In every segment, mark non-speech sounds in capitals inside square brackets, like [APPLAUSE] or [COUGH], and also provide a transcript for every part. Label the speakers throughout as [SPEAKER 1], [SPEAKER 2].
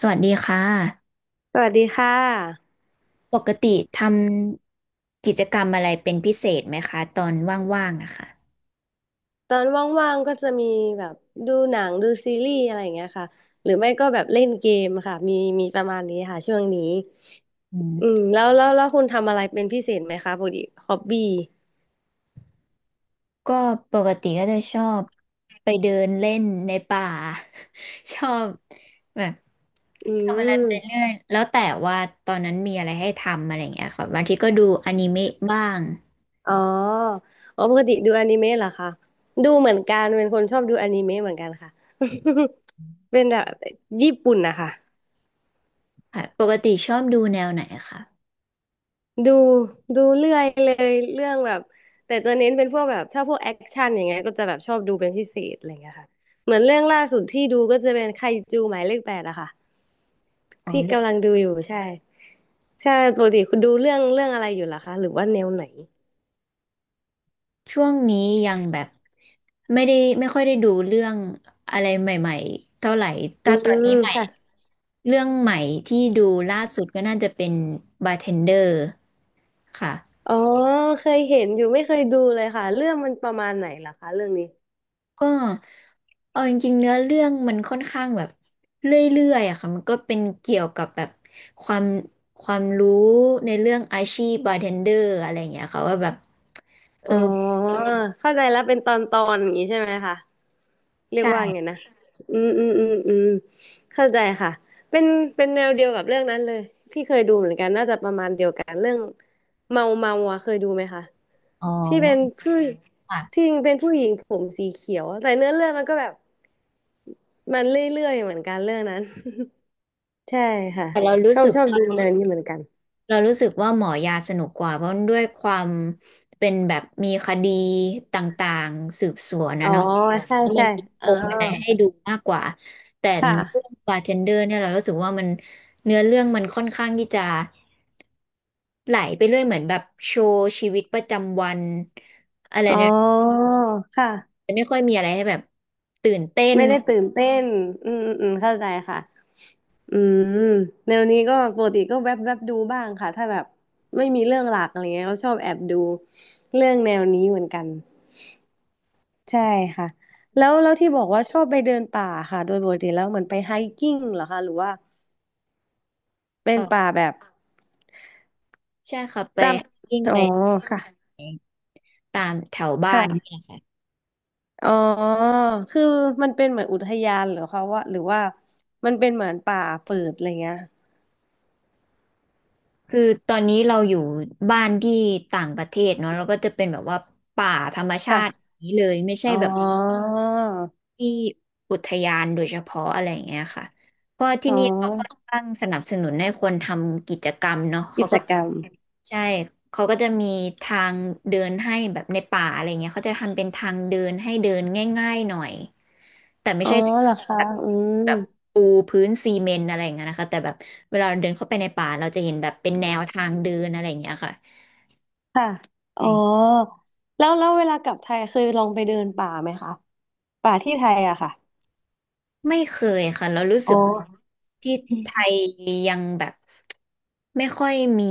[SPEAKER 1] สวัสดีค่ะ
[SPEAKER 2] สวัสดีค่ะ
[SPEAKER 1] ปกติทำกิจกรรมอะไรเป็นพิเศษไหมคะตอนว่างๆนะคะ
[SPEAKER 2] ตอนว่างๆก็จะมีแบบดูหนังดูซีรีส์อะไรอย่างเงี้ยค่ะหรือไม่ก็แบบเล่นเกมค่ะมีประมาณนี้ค่ะช่วงนี้
[SPEAKER 1] อื
[SPEAKER 2] อืม
[SPEAKER 1] ม
[SPEAKER 2] แล้วคุณทำอะไรเป็นพิเศษไหมคะปกติฮอบบี้
[SPEAKER 1] ก็ปกติก็จะชอบไปเดินเล่นในป่า [LAUGHS] ชอบแบบ
[SPEAKER 2] อื
[SPEAKER 1] ทำอะไรไปเรื่
[SPEAKER 2] ม
[SPEAKER 1] อยแล้วแต่ว่าตอนนั้นมีอะไรให้ทำอะไรอย่างเงี้ยค่ะบางทีก็ดูอนิเมะบ้าง
[SPEAKER 2] อ๋ออ๋อปกติดูอนิเมะเหรอคะดูเหมือนกันเป็นคนชอบดูอนิเมะเหมือนกันค่ะ [LAUGHS] เป็นแบบญี่ปุ่นนะคะ
[SPEAKER 1] ค่ะปกติชอบดูแนวไหนคะ
[SPEAKER 2] ดูดูเรื่อยเลยเรื่องแบบแต่จะเน้นเป็นพวกแบบถ้าพวกแอคชั่นอย่างเงี้ยก็จะแบบชอบดูเป็นพิเศษอะไรเงี้ยค่ะเหมือนเรื่องล่าสุดที่ดูก็จะเป็นไคจูหมายเลข 8อะค่ะ
[SPEAKER 1] อ๋
[SPEAKER 2] ที่กำลั
[SPEAKER 1] อ
[SPEAKER 2] งดูอยู่ใช่ใช่ปกติคุณดูเรื่องอะไรอยู่ล่ะคะหรือว่าแนวไหน
[SPEAKER 1] ช่วงนี้ยังแบบไม่ได้ไม่ค่อยได้ดูเรื่องอะไรใหม่ๆเท่าไหร่ แต่
[SPEAKER 2] อื
[SPEAKER 1] ตอนนี้
[SPEAKER 2] ม
[SPEAKER 1] ใหม่
[SPEAKER 2] ค่ะ
[SPEAKER 1] เรื่องใหม่ที่ดูล่าสุดก็น่าจะเป็นบาร์เทนเดอร์ค่ะ
[SPEAKER 2] อ๋อเคยเห็นอยู่ไม่เคยดูเลยค่ะเรื่องมันประมาณไหนล่ะคะเรื่องนี้
[SPEAKER 1] ก็เอาจริงๆเนื้อเรื่องมันค่อนข้างแบบเรื่อยๆอะค่ะมันก็เป็นเกี่ยวกับแบบความความรู้ในเรื่องอาชีพบาร์เทนเดอร์อะไรอย่างเงี้ยค่ะว่าแบบเอ
[SPEAKER 2] อ๋
[SPEAKER 1] อ
[SPEAKER 2] อเข้าใจแล้วเป็นตอนอย่างนี้ใช่ไหมคะ เรียกว่า
[SPEAKER 1] ใช่
[SPEAKER 2] ไงนะอืมอืมอืมอืมเข้าใจค่ะเป็นเป็นแนวเดียวกับเรื่องนั้นเลยที่เคยดูเหมือนกันน่าจะประมาณเดียวกันเรื่องเมาเมาอ่ะเคยดูไหมคะ
[SPEAKER 1] อ๋
[SPEAKER 2] ที่เป็น
[SPEAKER 1] อ
[SPEAKER 2] ผู้ที่
[SPEAKER 1] ค่ะ
[SPEAKER 2] เป็นผู้หญิงผมสีเขียวแต่เนื้อเรื่องมันก็แบบมันเรื่อยๆเหมือนกันเรื่องนั้น [LAUGHS] ใช่ค่ะ
[SPEAKER 1] แต่เรารู้
[SPEAKER 2] ชอบ
[SPEAKER 1] สึก
[SPEAKER 2] ชอบ
[SPEAKER 1] ว่า
[SPEAKER 2] ดูแนวนี้เหมือนกัน
[SPEAKER 1] เรารู้สึกว่าหมอยาสนุกกว่าเพราะด้วยความเป็นแบบมีคดีต่างๆสืบสวน
[SPEAKER 2] อ๋
[SPEAKER 1] นะ
[SPEAKER 2] อ
[SPEAKER 1] เนาะ
[SPEAKER 2] ใช่
[SPEAKER 1] แล้วมั
[SPEAKER 2] ใช่
[SPEAKER 1] นมีป
[SPEAKER 2] อ๋อ
[SPEAKER 1] มอะไรให้ดูมากกว่าแต่
[SPEAKER 2] ค
[SPEAKER 1] เรื่อง
[SPEAKER 2] ่ะ
[SPEAKER 1] บาร์เทนเดอร์เนี่ยเรารู้สึกว่ามันเนื้อเรื่องมันค่อนข้างที่จะไหลไปเรื่อยเหมือนแบบโชว์ชีวิตประจำวันอะไร
[SPEAKER 2] อ๋อ
[SPEAKER 1] เนี่ย
[SPEAKER 2] ค่ะ
[SPEAKER 1] จะไม่ค่อยมีอะไรให้แบบตื่นเต้น
[SPEAKER 2] ไม่ได้ตื่นเต้นอืมอืมอืมเข้าใจค่ะ อืมแนวนี้ก็ปกติก็แวบแวบดูบ้างค่ะถ้าแบบไม่มีเรื่องหลักอะไรเงี้ยก็ชอบแอบดูเรื่องแนวนี้เหมือนกันใช่ค่ะแล้วที่บอกว่าชอบไปเดินป่าค่ะโดยปกติแล้วเหมือนไปไฮกิ้งเหรอคะหรือว่าเป็นป่า
[SPEAKER 1] เออ
[SPEAKER 2] แบบ
[SPEAKER 1] ใช่ค่ะไป
[SPEAKER 2] ตาม
[SPEAKER 1] ยิ้ง
[SPEAKER 2] อ๋
[SPEAKER 1] ไป
[SPEAKER 2] อค่ะ
[SPEAKER 1] ตามแถวบ้าน
[SPEAKER 2] ค่ะ
[SPEAKER 1] นี่แหละค่ะ
[SPEAKER 2] อ๋อคือมันเป็นเหมือนอุทยานเหรอคะว่าหรือว่ามันเป็นเหมือนป่าเปิดอะไรเงี้ย
[SPEAKER 1] คือตอนนี้เราอยู่บ้านที่ต่างประเทศเนาะเราก็จะเป็นแบบว่าป่าธรรมชาติอ
[SPEAKER 2] ค่ะ
[SPEAKER 1] ย่างนี้เลยไม่ใช่
[SPEAKER 2] อ๋อ
[SPEAKER 1] แบบที่อุทยานโดยเฉพาะอะไรอย่างเงี้ยค่ะเพราะที่
[SPEAKER 2] อ๋
[SPEAKER 1] นี่เราค่อน
[SPEAKER 2] อ
[SPEAKER 1] ข้างสนับสนุนให้คนทำกิจกรรมเนาะเขา
[SPEAKER 2] กิจ
[SPEAKER 1] ก็
[SPEAKER 2] กรรม
[SPEAKER 1] ใช่ เขาก็จะมีทางเดินให้แบบในป่าอะไรเงี้ยเขาจะทำเป็นทางเดินให้เดินง่ายๆหน่อย แต่ไม่
[SPEAKER 2] อ๋อ
[SPEAKER 1] ใช่
[SPEAKER 2] เหรอคะ
[SPEAKER 1] แบบ
[SPEAKER 2] อื
[SPEAKER 1] แบ
[SPEAKER 2] ม
[SPEAKER 1] บปูพื้นซีเมนต์อะไรอย่างเงี้ยนะคะแต่แบบเวลาเราเดินเข้าไปในป่าเราจะเห็นแบบเป็นแนวทางเดินอะไรอย่างเงี้ยค่ะ
[SPEAKER 2] ค่ะอ๋อ
[SPEAKER 1] ไม่
[SPEAKER 2] แล้วเวลากลับไทยเคยลองไปเดินป่าไหมคะป่าที่ไทยอะค่ะ
[SPEAKER 1] ไม่เคยค่ะเรารู้สึ
[SPEAKER 2] อ๋อ
[SPEAKER 1] กที่ไทยยังแบบไม่ค่อยมี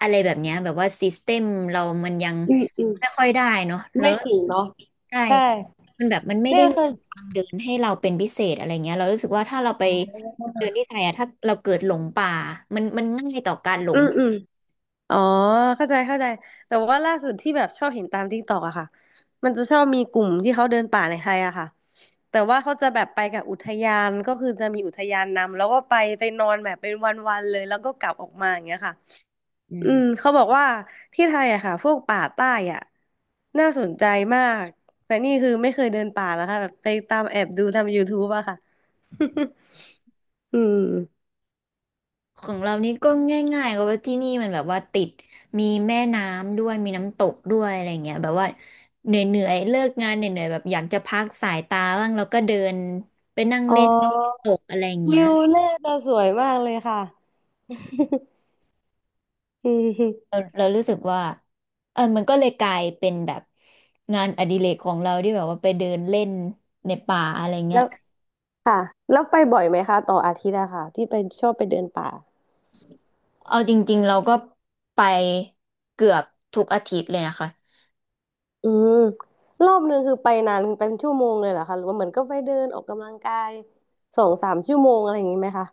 [SPEAKER 1] อะไรแบบเนี้ยแบบว่าซิสเต็มเรามันยัง
[SPEAKER 2] อืมอืม
[SPEAKER 1] ไม่ค่อยได้เนาะแล้ว
[SPEAKER 2] ไม่ถึงเนาะ
[SPEAKER 1] ใช่
[SPEAKER 2] ใช่
[SPEAKER 1] มันแบบมันไม่
[SPEAKER 2] เนี่
[SPEAKER 1] ได้
[SPEAKER 2] ย
[SPEAKER 1] มี
[SPEAKER 2] คือ
[SPEAKER 1] ทางเดินให้เราเป็นพิเศษอะไรเงี้ยเรารู้สึกว่าถ้าเราไปเดินที่ไทยอะถ้าเราเกิดหลงป่ามันง่ายต่อการหล
[SPEAKER 2] อื
[SPEAKER 1] ง
[SPEAKER 2] มอืมอ๋อเข้าใจเข้าใจแต่ว่าล่าสุดที่แบบชอบเห็นตามทิกตอกอะค่ะมันจะชอบมีกลุ่มที่เขาเดินป่าในไทยอะค่ะแต่ว่าเขาจะแบบไปกับอุทยานก็คือจะมีอุทยานนำแล้วก็ไปนอนแบบเป็นวันๆเลยแล้วก็กลับออกมาอย่างเงี้ยค่ะ
[SPEAKER 1] อื
[SPEAKER 2] อืม
[SPEAKER 1] ม
[SPEAKER 2] เขาบอกว่าที่ไทยอะค่ะพวกป่าใต้อะน่าสนใจมากแต่นี่คือไม่เคยเดินป่าแล้วค่ะแบบไปตามแอบดูทำยูทูบอะค่ะ [LAUGHS] อืม
[SPEAKER 1] ของเรานี่ก็ง่ายๆก็ว่าที่นี่มันแบบว่าติดมีแม่น้ำด้วยมีน้ำตกด้วยอะไรเงี้ยแบบว่าเหนื่อยๆเลิกงานเหนื่อยๆแบบอยากจะพักสายตาบ้างแล้วก็เดินไปนั่ง
[SPEAKER 2] อ๋
[SPEAKER 1] เล่นน้ำต
[SPEAKER 2] อ
[SPEAKER 1] กอะไรเงี้
[SPEAKER 2] วิ
[SPEAKER 1] ย
[SPEAKER 2] วน่าจะสวยมากเลยค่ะ [LAUGHS] อืม
[SPEAKER 1] เรารู้สึกว่าเออมันก็เลยกลายเป็นแบบงานอดิเรกของเราที่แบบว่าไปเดินเล่นในป่าอะไรเงี้ย
[SPEAKER 2] แล้วค่ะแล้วไปบ่อยไหมคะต่ออาทิตย์อะค่ะที่ไปชอบไปเดินป่า
[SPEAKER 1] เอาจริงๆเราก็ไปเกือบทุกอาทิตย์เลยนะคะ
[SPEAKER 2] อืมรอบนึงคือไปนานเป็นชั่วโมงเลยเหรอคะหรือว่าเหมือนก็ไปเดินออกกำลังกายสองสามชั่วโมงอะไรอย่างนี้ไหมคะ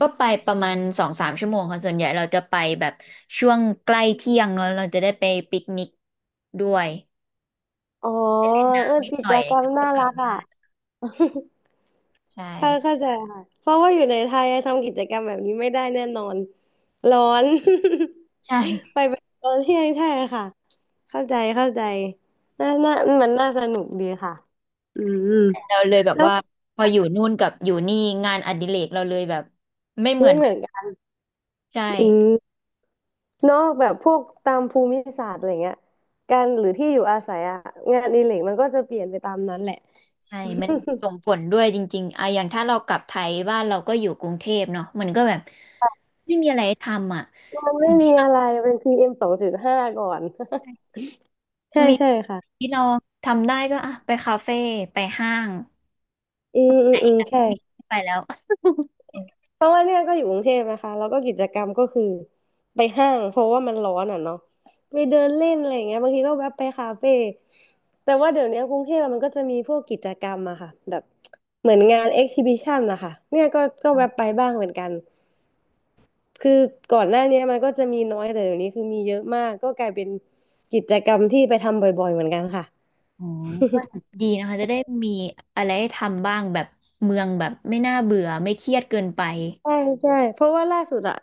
[SPEAKER 1] ก็ไปประมาณ2-3 ชั่วโมงค่ะส่วนใหญ่เราจะไปแบบช่วงใกล้เที่ยงเนอะเราจะได้ไปปิกนิกด้วย
[SPEAKER 2] อ๋อเออ
[SPEAKER 1] นิด
[SPEAKER 2] กิ
[SPEAKER 1] หน่
[SPEAKER 2] จ
[SPEAKER 1] อย
[SPEAKER 2] กร
[SPEAKER 1] ก
[SPEAKER 2] รม
[SPEAKER 1] ็
[SPEAKER 2] น่า
[SPEAKER 1] กลั
[SPEAKER 2] รั
[SPEAKER 1] บ
[SPEAKER 2] กอ่ะ [LAUGHS]
[SPEAKER 1] ใช่
[SPEAKER 2] เข้าใจค่ะเพราะว่าอยู่ในไทยทำกิจกรรมแบบนี้ไม่ได้แน่นอนร้อน [LAUGHS]
[SPEAKER 1] ใช่
[SPEAKER 2] ไปเป็นตอนเที่ยงใช่ค่ะเข้าใจเข้าใจน่าน่ามันน่าสนุกดีค่ะอืม
[SPEAKER 1] เราเลยแบบ
[SPEAKER 2] แล้ว
[SPEAKER 1] ว่าพออยู่นู่นกับอยู่นี่งานอดิเรกเราเลยแบบไม่เหมื
[SPEAKER 2] ไม่
[SPEAKER 1] อน
[SPEAKER 2] เห
[SPEAKER 1] กั
[SPEAKER 2] มื
[SPEAKER 1] น
[SPEAKER 2] อนกัน
[SPEAKER 1] ใช่
[SPEAKER 2] อืมนอกแบบพวกตามภูมิศาสตร์อะไรเงี้ยการหรือที่อยู่อาศัยอะงานอดิเรกมันก็จะเปลี่ยนไปตามนั้นแหละ
[SPEAKER 1] ใช่มั
[SPEAKER 2] [LAUGHS]
[SPEAKER 1] นส่งผลด้วยจริงๆอะอย่างถ้าเรากลับไทยบ้านเราก็อยู่กรุงเทพเนาะมันก็แบบไม่มีอะไรทำอ่ะ
[SPEAKER 2] มันไม่มีอะไรเป็น PM2.5ก่อน [LAUGHS] ใช่
[SPEAKER 1] มี
[SPEAKER 2] ใช่ค่ะ
[SPEAKER 1] ที่เราทำได้ก็อ่ะไปคาเฟ่ไปห้าง
[SPEAKER 2] อืมอืมอืมใช่
[SPEAKER 1] มีไปแล้ว
[SPEAKER 2] เพราะว่าเนี่ยก็อยู่กรุงเทพนะคะแล้วก็กิจกรรมก็คือไปห้างเพราะว่ามันร้อนอ่ะเนาะไปเดินเล่นอะไรอย่างเงี้ยบางทีก็แวะไปคาเฟ่แต่ว่าเดี๋ยวนี้กรุงเทพอะมันก็จะมีพวกกิจกรรมอะค่ะแบบเหมือนงานเอ็กซิบิชันนะคะเนี่ยก็แวะไปบ้างเหมือนกันคือก่อนหน้าเนี้ยมันก็จะมีน้อยแต่เดี๋ยวนี้คือมีเยอะมากก็กลายเป็นกิจกรรมที่ไปทำบ่อยๆเหมือนกันค่ะ
[SPEAKER 1] อ๋อ [LAUGHS] ก็
[SPEAKER 2] [LAUGHS]
[SPEAKER 1] ดีนะคะจะได้มีอะไรให้ทำบ้างแบบเมืองแบบไม่น่าเบื่อไม่เครียดเกินไป
[SPEAKER 2] ใช่ใช่เพราะว่าล่าสุดอะ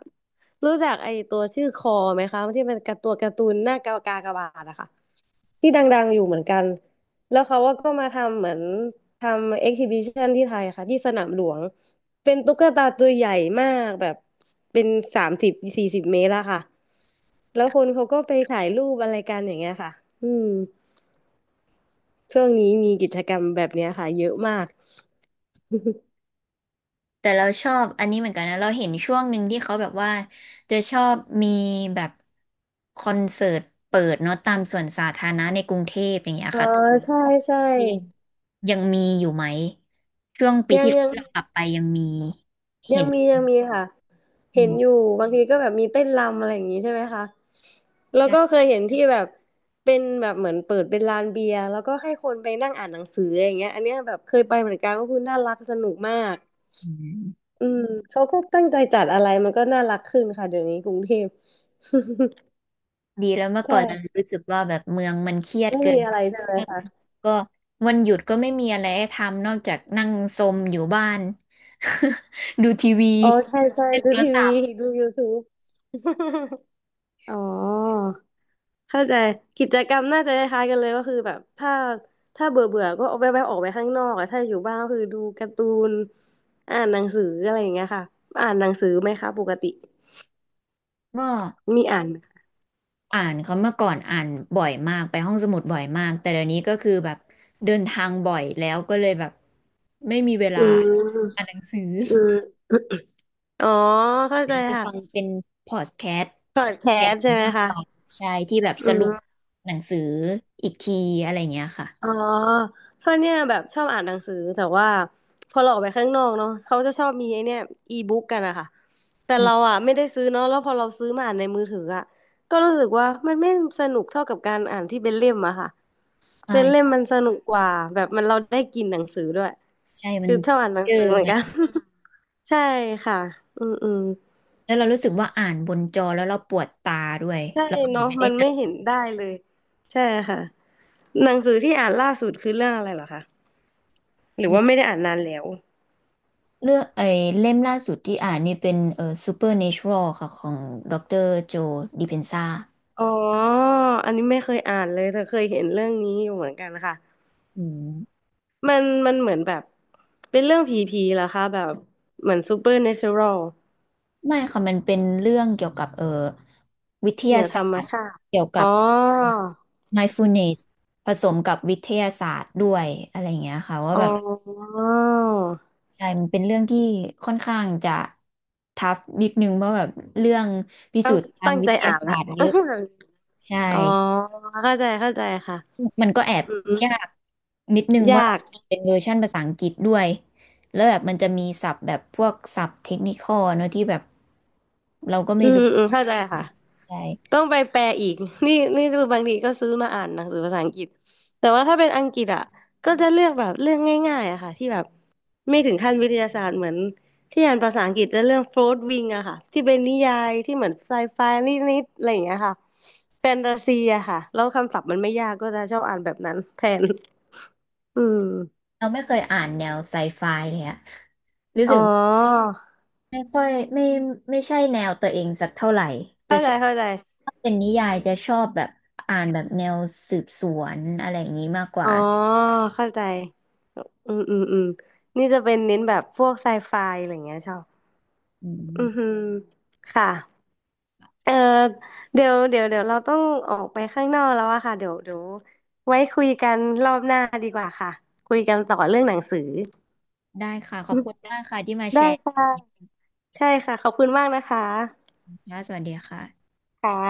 [SPEAKER 2] รู้จักไอตัวชื่อคอไหมคะที่เป็นการ์ตูนหน้ากากากบาทอะค่ะที่ดังๆอยู่เหมือนกันแล้วเขาว่าก็มาทำเหมือนทำเอ็กซิบิชันที่ไทยค่ะที่สนามหลวงเป็นตุ๊กตาตัวใหญ่มากแบบเป็น30-40 เมตรอะค่ะแล้วคนเขาก็ไปถ่ายรูปอะไรกันอย่างเงี้ยค่ะอืมช่วงนี้มีกิจกรรมแบบเนี้ยค่ะเยอะมาก [LAUGHS]
[SPEAKER 1] แต่เราชอบอันนี้เหมือนกันนะเราเห็นช่วงหนึ่งที่เขาแบบว่าจะชอบมีแบบคอนเสิร์ตเปิดเนาะตามสวนสาธารณะในกรุงเทพอย่างเงี้ย
[SPEAKER 2] อ๋อ
[SPEAKER 1] ค่ะ
[SPEAKER 2] ใช่ใช่
[SPEAKER 1] ยังมีอยู่ไหมช่วงปี
[SPEAKER 2] ยัง
[SPEAKER 1] ที่เรา
[SPEAKER 2] ยัง
[SPEAKER 1] กลับไปยังมี
[SPEAKER 2] ยั
[SPEAKER 1] เห็
[SPEAKER 2] ง
[SPEAKER 1] น
[SPEAKER 2] มียังมีค่ะ
[SPEAKER 1] อื
[SPEAKER 2] เห็นอยู่
[SPEAKER 1] ม
[SPEAKER 2] บางทีก็แบบมีเต้นรำอะไรอย่างนี้ใช่ไหมคะแล้วก็
[SPEAKER 1] ใช่
[SPEAKER 2] เคยเห็นที่แบบเป็นแบบเหมือนเปิดเป็นลานเบียร์แล้วก็ให้คนไปนั่งอ่านหนังสืออย่างเงี้ยอันเนี้ยแบบเคยไปเหมือนกันก็คือน่ารักสนุกมาก
[SPEAKER 1] อืม
[SPEAKER 2] อืมเขาก็ตั้งใจจัดอะไรมันก็น่ารักขึ้นค่ะเดี๋ยวนี้กรุงเทพ
[SPEAKER 1] ดีแล้วเมื่อ
[SPEAKER 2] [LAUGHS]
[SPEAKER 1] ก่อนเรา
[SPEAKER 2] ใช่
[SPEAKER 1] รู้สึกว่าแบบเมืองมันเครียด
[SPEAKER 2] ไม่
[SPEAKER 1] เกิ
[SPEAKER 2] มี
[SPEAKER 1] น
[SPEAKER 2] อะ
[SPEAKER 1] ไป
[SPEAKER 2] ไรใช่ไหมคะ
[SPEAKER 1] ก็วันหยุดก็ไม่มีอะไรให้ทำนอกจากนั่งซมอยู่บ้าน [LAUGHS] ดูทีวี
[SPEAKER 2] อ๋อใช่ใช่
[SPEAKER 1] เล่น
[SPEAKER 2] ดู
[SPEAKER 1] โทร
[SPEAKER 2] ที
[SPEAKER 1] ศั
[SPEAKER 2] วี
[SPEAKER 1] พท์
[SPEAKER 2] ดู YouTube [LAUGHS] อ๋อเข้าใจกิจกรรมน่าจะคล้ายๆกันเลยก็คือแบบถ้าเบื่อเบื่อก็เอาแวบๆออกไปข้างนอกอะถ้าอยู่บ้านก็คือดูการ์ตูนอ่านหนังสืออะไรอย่างเงี้ยค่ะอ่านหนังสือไหมคะปกติ
[SPEAKER 1] ก็
[SPEAKER 2] มีอ่านไหม
[SPEAKER 1] อ่านเขาเมื่อก่อนอ่านบ่อยมากไปห้องสมุดบ่อยมากแต่เดี๋ยวนี้ก็คือแบบเดินทางบ่อยแล้วก็เลยแบบไม่มีเวลา
[SPEAKER 2] อื
[SPEAKER 1] อ่านห
[SPEAKER 2] ม
[SPEAKER 1] นังสือ
[SPEAKER 2] อืมอ๋อเข้าใจ
[SPEAKER 1] ไป
[SPEAKER 2] ค่ะ
[SPEAKER 1] ฟังเป็นพอดแคสต์
[SPEAKER 2] พอดแค
[SPEAKER 1] แท
[SPEAKER 2] ส
[SPEAKER 1] น
[SPEAKER 2] ต์ใช่ไหม
[SPEAKER 1] มาก
[SPEAKER 2] คะ
[SPEAKER 1] กว่าใช่ที่แบบ
[SPEAKER 2] อื
[SPEAKER 1] สรุป
[SPEAKER 2] ม
[SPEAKER 1] หนังสืออีกทีอะไรอย่างเงี้ยค่ะ
[SPEAKER 2] อ๋อเพราะเนี่ยแบบชอบอ่านหนังสือแต่ว่าพอเราออกไปข้างนอกเนาะเขาจะชอบมีไอ้เนี่ยอีบุ๊กกันอะค่ะแต่
[SPEAKER 1] อื
[SPEAKER 2] เรา
[SPEAKER 1] ม
[SPEAKER 2] อะไม่ได้ซื้อเนาะแล้วพอเราซื้อมาอ่านในมือถืออะก็รู้สึกว่ามันไม่สนุกเท่ากับการอ่านที่เป็นเล่มอะค่ะเป็นเล่ม
[SPEAKER 1] ใช่
[SPEAKER 2] มันสนุกกว่าแบบมันเราได้กินหนังสือด้วย
[SPEAKER 1] ใช่มัน
[SPEAKER 2] คือชอบอ่านหนั
[SPEAKER 1] เจ
[SPEAKER 2] ง
[SPEAKER 1] อ
[SPEAKER 2] สือเหมือน
[SPEAKER 1] มั
[SPEAKER 2] กัน
[SPEAKER 1] น
[SPEAKER 2] [LAUGHS] ใช่ค่ะอืมอืม
[SPEAKER 1] แล้วเรารู้สึกว่าอ่านบนจอแล้วเราปวดตาด้วย
[SPEAKER 2] ใช่
[SPEAKER 1] แล้ว
[SPEAKER 2] เนาะมันไม่เห็นได้เลยใช่ค่ะหนังสือที่อ่านล่าสุดคือเรื่องอะไรเหรอคะหรือ
[SPEAKER 1] อื
[SPEAKER 2] ว่า
[SPEAKER 1] ม
[SPEAKER 2] ไม่ได้อ่านนานแล้ว
[SPEAKER 1] เลือกไอ้เล่มล่าสุดที่อ่านนี่เป็นSupernatural ค่ะของดรโจดิเพนซ่า
[SPEAKER 2] อ๋ออันนี้ไม่เคยอ่านเลยแต่เคยเห็นเรื่องนี้อยู่เหมือนกันค่ะ
[SPEAKER 1] อืม
[SPEAKER 2] มันเหมือนแบบเป็นเรื่องผีผีเหรอคะแบบเหมือนซูเปอร์เนเชอรัล
[SPEAKER 1] ไม่ค่ะมันเป็นเรื่องเกี่ยวกับเออวิท
[SPEAKER 2] เหนื
[SPEAKER 1] ยา
[SPEAKER 2] อธร
[SPEAKER 1] ศา
[SPEAKER 2] รม
[SPEAKER 1] สตร์
[SPEAKER 2] ชาติ
[SPEAKER 1] เกี่ยว
[SPEAKER 2] อ๋
[SPEAKER 1] กั
[SPEAKER 2] อ
[SPEAKER 1] บ mindfulness ผสมกับวิทยาศาสตร์ด้วยอะไรอย่างเงี้ยค่ะว่า
[SPEAKER 2] อ๋อ
[SPEAKER 1] แบบใช่มันเป็นเรื่องที่ค่อนข้างจะทัฟนิดนึงเพราะแบบเรื่องพิสู
[SPEAKER 2] ตั้ง
[SPEAKER 1] จน์ทาง
[SPEAKER 2] ตั้ง
[SPEAKER 1] วิ
[SPEAKER 2] ใจ
[SPEAKER 1] ทยา
[SPEAKER 2] อ่าน
[SPEAKER 1] ศา
[SPEAKER 2] ละ
[SPEAKER 1] สตร์เยอะใช่
[SPEAKER 2] [LAUGHS] อ๋อเข้าใจเข้าใจค่ะ
[SPEAKER 1] มันก็แอบ
[SPEAKER 2] อืม
[SPEAKER 1] ยากนิดนึงเพราะ
[SPEAKER 2] ยา
[SPEAKER 1] เรา
[SPEAKER 2] ก
[SPEAKER 1] เป็นเวอร์ชันภาษาอังกฤษด้วยแล้วแบบมันจะมีศัพท์แบบพวกศัพท์เทคนิคอลเนอะที่แบบเราก็
[SPEAKER 2] อื
[SPEAKER 1] ไม่
[SPEAKER 2] ม
[SPEAKER 1] รู้
[SPEAKER 2] อืมเข้าใจค่ะ
[SPEAKER 1] ใช่
[SPEAKER 2] ต้องไปแปลอีก [LAUGHS] นี่คือบางทีก็ซื้อมาอ่านหนังสือภาษาอังกฤษแต่ว่าถ้าเป็นอังกฤษอ่ะก็จะเลือกแบบเรื่องง่ายๆอะค่ะที่แบบไม่ถึงขั้นวิทยาศาสตร์เหมือนที่อ่านภาษาอังกฤษจะเรื่องโฟร์วิงอะค่ะที่เป็นนิยายที่เหมือนไซไฟนิดๆอะไรอย่างเงี้ยค่ะแฟนตาซีอะค่ะแล้วคำศัพท์มันไม่ยากก็จะชอบอ่านแบบนั้นแทนอืม
[SPEAKER 1] เราไม่เคยอ่านแนวไซไฟเลยอะรู้
[SPEAKER 2] อ๋
[SPEAKER 1] สึ
[SPEAKER 2] อ
[SPEAKER 1] กว่าไม่ค่อยไม่ใช่แนวตัวเองสักเท่าไหร่ จะ
[SPEAKER 2] เข้า
[SPEAKER 1] ช
[SPEAKER 2] ใจ
[SPEAKER 1] อบ
[SPEAKER 2] เข้าใจ
[SPEAKER 1] ถ้าเป็นนิยายจะชอบแบบอ่านแบบแนวสืบสวนอะไรอย่างนี้มากก
[SPEAKER 2] อ๋
[SPEAKER 1] ว่า
[SPEAKER 2] อเข้าใจ อืมอืมอืมนี่จะเป็นเน้นแบบพวกไซไฟอะไรอย่างเงี้ยชอบ
[SPEAKER 1] อื
[SPEAKER 2] อือ
[SPEAKER 1] ม
[SPEAKER 2] หือค่ะเออเดี๋ยวเราต้องออกไปข้างนอกแล้วอะค่ะเดี๋ยวไว้คุยกันรอบหน้าดีกว่าค่ะคุยกันต่อเรื่องหนังสือ
[SPEAKER 1] ได้ค่ะขอบคุณมากค่ะที่มาแช
[SPEAKER 2] ได้
[SPEAKER 1] ร์
[SPEAKER 2] ค่ะใช่ค่ะขอบคุณมากนะคะ
[SPEAKER 1] นะสวัสดีค่ะ
[SPEAKER 2] ค่ะ